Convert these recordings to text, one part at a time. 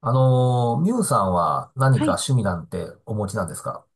ミュウさんは何はかい。趣味なんてお持ちなんですか？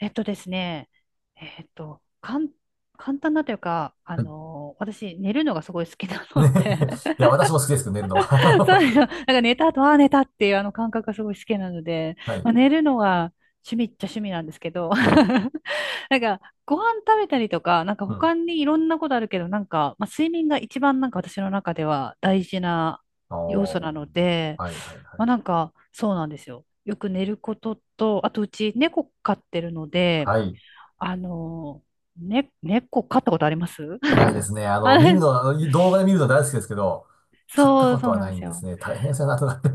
えっとですね、えっと、かん、簡単なというか、はい、ね。 私、寝るのがすごい好きな ので。 いや、私も好きですけど、寝るの そうですよ。は。なんか寝た後、ああ、寝たっていうあの感覚がすごい好きなので、はまい、あ、寝るのが趣味っちゃ趣味なんですけど、はい、なんか、ご飯食べたりとか、なんかうん。他にいろんなことあるけど、なんか、まあ、睡眠が一番なんか私の中では大事な要素おー、なので、はい、はい、はまあ、なんい。か、そうなんですよ。よく寝ることと、あとうち猫飼ってるので、はい、あの、ね、猫飼ったことあります？ ないですね。あ あの、見るれ、の、あの動画で見るの大好きですけど、買ったこそとうはななんいですんですよ。ね。大変そうやなとなって。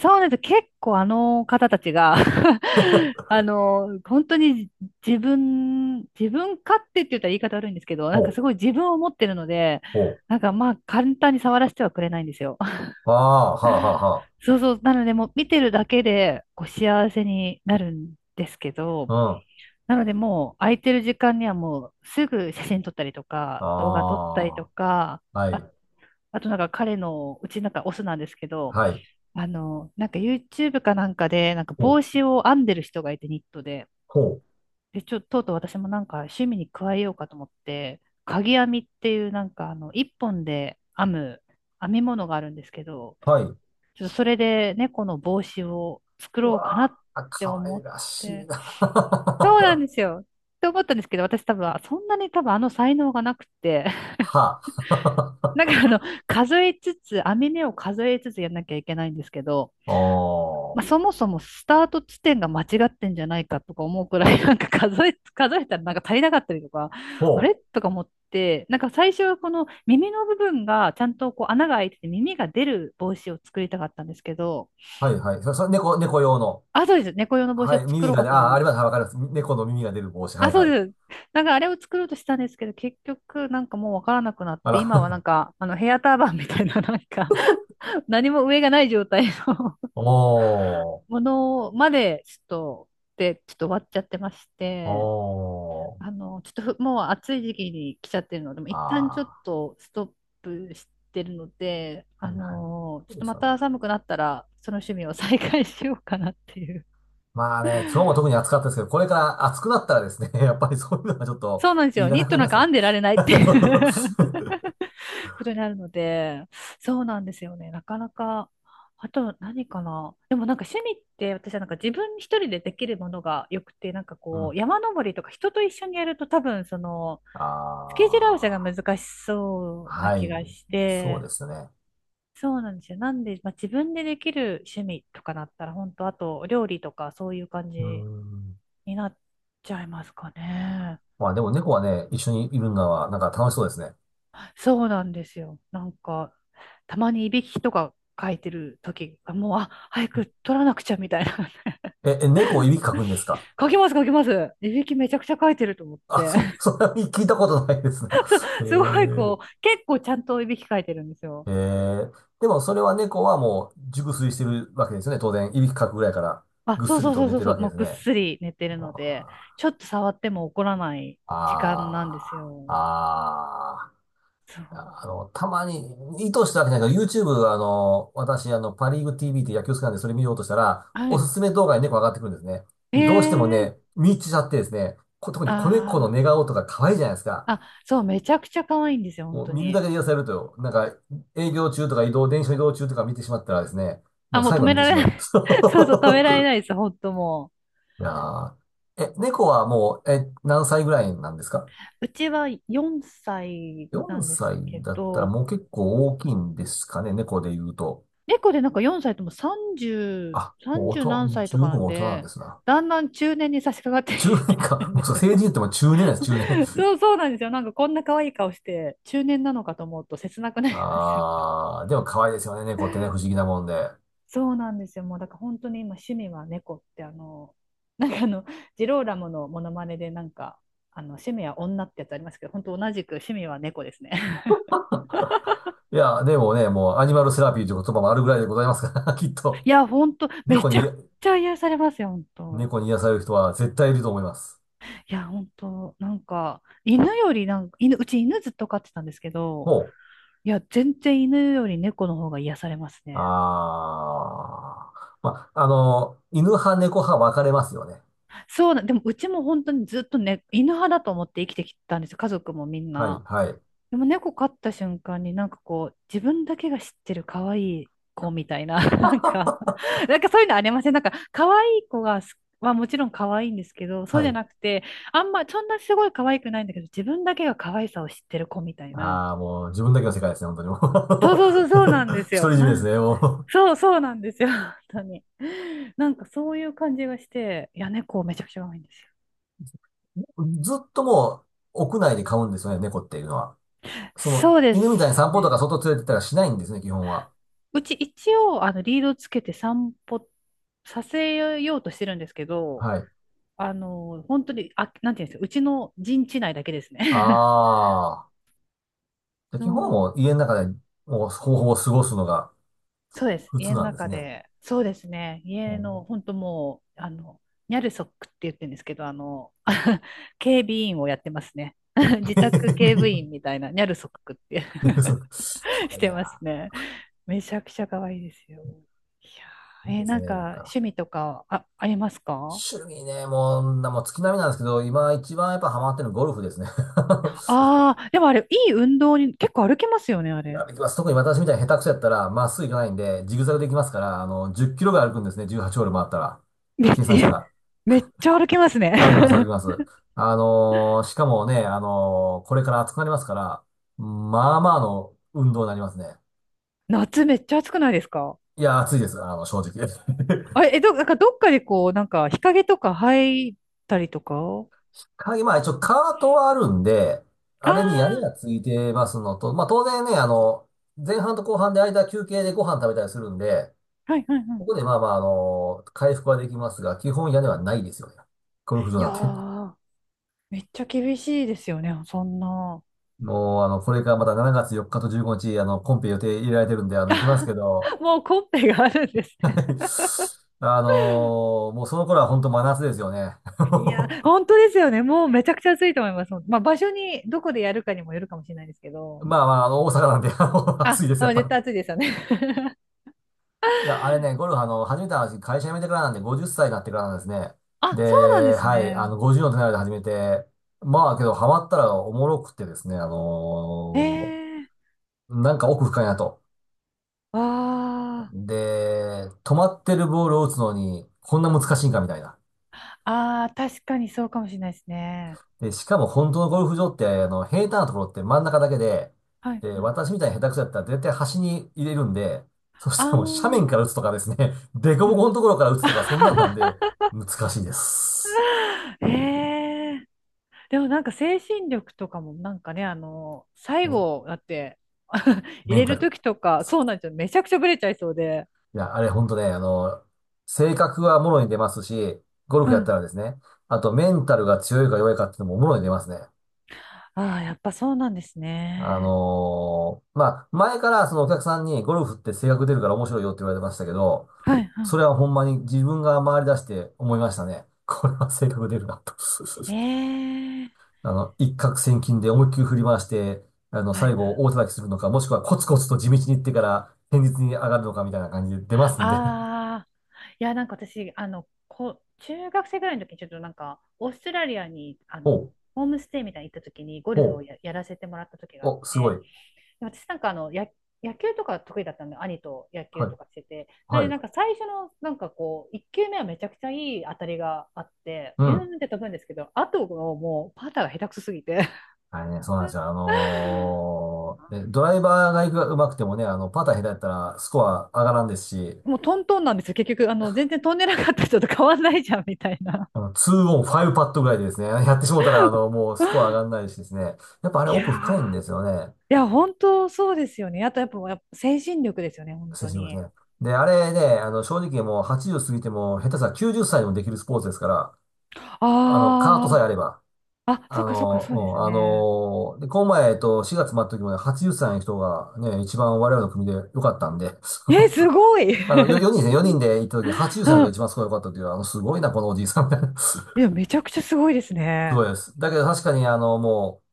そうなんです。結構あの方たちが、 あの、本当に自分勝手って言ったら言い方悪いんですけど、なほんかう、すごい自分を持ってるので、ほう。なんかまあ簡単に触らせてはくれないんですよ。ああ、はあ、はあ、は あ。そうそう。なのでもう見てるだけでこう幸せになるんですけうど、ん。なのでもう空いてる時間にはもうすぐ写真撮ったりとか、動画撮っあたりとか、あ、はあい、あとなんか彼の、うちなんかオスなんですけど、はい。なんか YouTube かなんかで、なんかほう、帽子を編んでる人がいてニットで、ほで、ちょ、ととうとう私もなんか趣味に加えようかと思って、鍵編みっていうなんか一本で編む編み物があるんですけど、う、はい。ちょっとそれで猫の帽子を作うろうかなわっあ、てかわ思いっらしいて、そうなんな。で すよ。って思ったんですけど、私多分、そんなに多分才能がなくて、はなんあ。か数えつつ、編み目を数えつつやんなきゃいけないんですけど、まおあ、そー。もそもスタート地点が間違ってんじゃないかとか思うくらい、なんか数えたらなんか足りなかったりとか、あほれう。とか思って、なんか最初はこの耳の部分がちゃんとこう穴が開いてて耳が出る帽子を作りたかったんですけど、はいはい。そ、そ、猫、猫用の。あ、そうです。猫用の帽子はをい。作耳ろうがかね、とああ、思あう。ります。はい、わかります。猫の耳が出る帽子。はあ、いそはうい。です。なんかあれを作ろうとしたんですけど、結局なんかもうわからなくなっあて、ら。今はな んかあのヘアターバンみたいななんか、 何も上がない状態の おー。ものまでちょっと、で、ちょっと終わっちゃってまして、おー。ちょっともう暑い時期に来ちゃってるので、もう一旦ちょっあとストップしてるので、あ。はいはい。そちょうっでとすまよね。た寒くなったら、その趣味を再開しようかなっていう。まあね、今日も特に暑かったですけど、これから暑くなったらですね、やっぱりそういうのがちょっとそうなんですいよ。らニなッくトなりなまんすかね。編んでられないってい そうう そう、 ことになるので、そうなんですよね。なかなか、あと何かな。でもなんか趣味って私はなんか自分一人でできるものが良くて、なんかうこうん。山登りとか人と一緒にやると多分そのあスケジュール合わせがあ。難しそうなは気い。がしそうて、ですね。そうなんですよ。なんで、まあ、自分でできる趣味とかなったら、本当あと料理とかそういう感うーじん。になっちゃいますかね。まあでも猫はね、一緒にいるのはなんか楽しそうですね。そうなんですよ。なんか、たまにいびきとか書いてる時が、もう、あ、早く取らなくちゃみたいな。猫をいびきかくんですか？ 書きます書きます。いびきめちゃくちゃ書いてると思っ あ、て。そう、それは聞いたことないですな。え すごいこえ、う、結構ちゃんといびき書いてるんですよ。えー、でもそれは猫はもう熟睡してるわけですよね。当然、いびきかくぐらいから、あ、ぐっそうすりそうとそう寝そてうるそう、わけでもうすぐっね。すり寝てるので、あちょっと触っても怒らないー、時間なんであすー、よ。ああ。そう。あの、たまに、意図したわけじゃないけど、YouTube、私、パリーグ TV って野球好きなんで、それ見ようとしたら、はおい。すすめ動画に猫上がってくるんですね。えで、どうしてもえー、ね、見入っちゃってですね、特に子猫のあ寝顔とか可愛いじゃないですか。あ、あ、そう、めちゃくちゃ可愛いんですよ、本もう当見るだに。けで癒されると、なんか、営業中とか移動、電車移動中とか見てしまったらですね、もあ、うもう最止後はめ見てらしまれなう。い。そう そう、止められないです、本当もいやー、え、猫はもう、何歳ぐらいなんですか？ う。うちは4歳な 4 んです歳けだったらど、もう結構大きいんですかね、猫で言うと。猫でなんか4歳ともあ、もう大30何人、歳十とかな分ん大人なんでで、すな。だんだん中年に差し掛かって中年きてか。る んもでうそう、すよ。成人言っても中年なんです、中年。そうそうなんですよ。なんかこんな可愛い顔して中年なのかと思うと切なく なりますよね。あー、でも可愛いですよね、猫ってね、不思議なもんで。そうなんですよ。もうだから本当に今趣味は猫ってなんかあの、ジローラモのモノマネでなんか、あの趣味は女ってやつありますけど、本当同じく趣味は猫ですね。いや、でもね、もうアニマルセラピーという言葉もあるぐらいでございますから、きっいと。や、本当め猫ちにゃく癒、ちゃ癒されますよ、本当。猫に癒される人は絶対いると思います。いや、本当なんか、犬よりなんか、犬、うち犬ずっと飼ってたんですけど、ほう。いや、全然犬より猫の方が癒されますね。あー。ま、あの、犬派、猫派分かれますよね。そうな、でもうちも本当にずっとね、犬派だと思って生きてきたんですよ、家族もみんはい、な。はい、でも猫飼った瞬間になんかこう、自分だけが知ってる可愛い子みたいな、なんか、なんかそういうのありません？なんか可愛い子がはもちろん可愛いんですけど、そうはじゃい。なくて、あんま、そんなすごい可愛くないんだけど、自分だけが可愛さを知ってる子みたいな。あー、もう自分だけの世界ですね、本当にもそうう。そうそう、そうなんです独よ。り占めでなすん、ね、もう。そうそうなんですよ、本当に。なんかそういう感じがして、いや、猫めちゃくちゃ可愛いんですよ。ずっともう屋内で飼うんですよね、猫っていうのは。そうで犬みたいにす散歩とかね。外連れてったらしないんですね、基本は。うち一応、リードつけて散歩させようとしてるんですけど、はい。本当に、あ、なんていうんですか、うちの陣地内だけですね。ああ。じゃあ基本もうそう、家の中でもう方法を過ごすのがそうです。普通家のなんです中ね。で、そうですね。う家の、ん、本当もう、ニャルソックって言ってるんですけど、はい。警備員をやってますね。自宅警備 員みたいな、ニャルソックって 寝不足。か わしいいてますな。ね。めちゃくちゃ可愛いですよ。いやいいー、ですなんね、かなんか。趣味とかありますか？趣味ね、もう月並みなんですけど、今一番やっぱハマってるのゴルフですね。ああー、でもあれ、いい運動に結構歩きますよね、あいや、れ。できます。特に私みたいに下手くそやったら、まっすぐ行かないんで、ジグザグで行きますから、10キロぐらい歩くんですね。18ホール回ったら。め、計算したえら。めっちゃ歩きます歩きます、歩きね。ます。しかもね、これから暑くなりますから、まあまあの運動になりますね。夏めっちゃ暑くないですか？いや、暑いです、正直。あれ、なんかどっかでこう、なんか日陰とか入ったりとか。鍵、まあ一応あカートはあるんで、あれに屋根あがついてますのと、まあ当然ね、前半と後半で間休憩でご飯食べたりするんで、ー、はいはいはここい。でまあまあ、回復はできますが、基本屋根はないですよね。ゴルフ場いやなんて。ー、めっちゃ厳しいですよね、そんな。もう、これからまた7月4日と15日、コンペ予定入れられてるんで、行きますけど、もうコンペがあるんですね？ もうその頃は本当真夏ですよね。いや、本当ですよね。もうめちゃくちゃ暑いと思います。まあ、場所に、どこでやるかにもよるかもしれないですけど。まあまあ、大阪なんで、あ、暑いです、やっあぱ絶対り。暑いですよね。いや、あれね、ゴルフ、始めた話、会社辞めてからなんで、50歳になってからなんですね。あ、そうなんでで、すはい、ね。50の手前で始めて、まあ、けど、ハマったらおもろくてですね、ええ、なんか奥深いなと。あー、で、止まってるボールを打つのに、こんな難しいんかみたいな。あー、確かにそうかもしれないですね。で、しかも本当のゴルフ場って、平坦なところって真ん中だけで、はい、で、はい。私みたいに下手くそだったら絶対端に入れるんで、そしあたらもう斜面かー、ら打つとかですね、凸うん、 凹のところから打つとか、そんなんなん で、難しいです。ええ、でもなんか精神力とかもなんかね、最ね、後だって 入メンれタるル。時とか、そそうなんですよ。めちゃくちゃブレちゃいそうで。ういや、あれ本当ね、性格はもろに出ますし、ゴルうフやったん。らですね、あとメンタルが強いか弱いかっていうのももろに出ますね。ああ、やっぱそうなんですね。まあ、前からそのお客さんにゴルフって性格出るから面白いよって言われてましたけど、はい、そはれはほんまに自分が回り出して思いましたね。これは性格出るなと。い。ええ、一攫千金で思いっきり振り回して、は最い、後大叩きするのか、もしくはコツコツと地道に行ってから堅実に上がるのかみたいな感じで出ますんで。ああ、いや、なんか私、中学生ぐらいの時にちょっとなんか、オーストラリアに、ほう、ホームステイみたいに行った時にゴルフをほう、やらせてもらった時があっお、すごい。て、で私なんか野球とか得意だったんで、兄と野は球い、とかしてて、なんはでい、なんか最初のなんかこう、1球目はめちゃくちゃいい当たりがあって、うピューん。ンって飛ぶんですけど、あとのもうパターが下手くそすぎて、 あれね、そうなんですよ。ねドライバーが行くが上手くてもね、パター下手やったらスコア上がらんですし、もうトントンなんですよ。結局、全然飛んでなかった人と変わんないじゃん、みたいな。 2オン5パットぐらいでですね、やってしもたら、もうスコア上がん ないしですね、やっぱあれいや奥深いー、んですよね、いや、本当そうですよね。あと、やっぱ、やっぱ精神力ですよね、本当選手もですに。ね。で、あれね、正直もう80過ぎても、下手したら90歳でもできるスポーツですから、カートあさー、えあれば、あ、そうか、そうか、うそうですん、ね。で、この前、4月末の時もね、80歳の人がね、一番我々の組で良かったんで、え、すごい。 4人ですね。人で行った時、80う歳が一ん。番すごい良かったという、すごいな、このおじいさんみたいな。すいや、めちゃくちゃすごいですね。ごいです。だけど確かに、もう、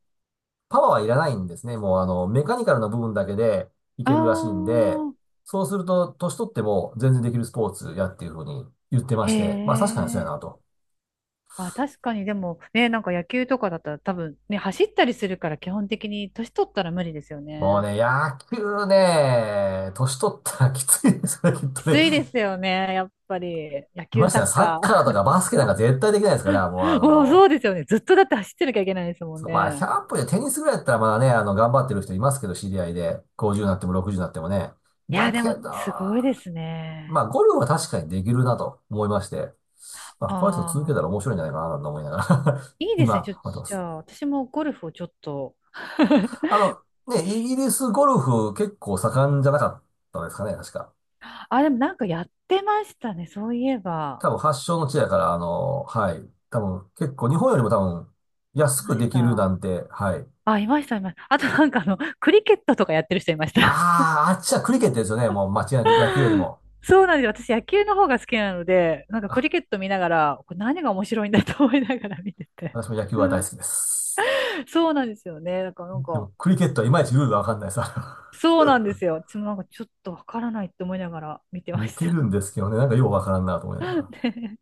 パワーはいらないんですね。もう、メカニカルな部分だけでいあけるらしいんで、ー、そうすると、年取っても全然できるスポーツやっていうふうに言ってまへして、まあ確かにそうやえ。なと。あ、確かに、でも、ね、なんか野球とかだったら多分、ね、走ったりするから基本的に年取ったら無理ですよもうね。ね、野球ね、年取ったらきついですね、きっきとつね。いですよね、やっぱり。野球、ましてサや、ッサッカカーとー。かバスケなんか絶対できないですから、もうもうそうですよね。ずっとだって走ってなきゃいけないですもんそうまあ、ね。100歩でテニスぐらいだったらまだね、頑張ってる人いますけど、知り合いで。50になっても60になってもね。いだや、でけも、ど、すごいですね。まあ、ゴルフは確かにできるなと思いまして。まあ、あこの人続けあ、たら面白いんじゃないかなと思いながら い いですね。今、ちょっと、思ってまじゃす。あ、私もゴルフをちょっと。あの、ね、イギリスゴルフ結構盛んじゃなかったですかね、確か。あ、でもなんかやってましたね。そういえば。多分発祥の地やから、はい。多分結構日本よりも多分安いくまでしきるた。なんて、はい。あ、いました、いました。あとなんかクリケットとかやってる人いました。ああ、あっちはクリケットですよね、もう間違いなく野球より も。そうなんですよ。私、野球の方が好きなので、なんかクリケット見ながら、これ何が面白いんだと思いながら見てて。私も野球は大好き です。そうなんですよね。だからなんでか、も、クリケットはいまいちルールがわかんないさ。そうなんですよ。私もなんかちょっとわからないって思いながら見て ま似してた。るんですけどね、なんかようわからんなと思いなが ら。で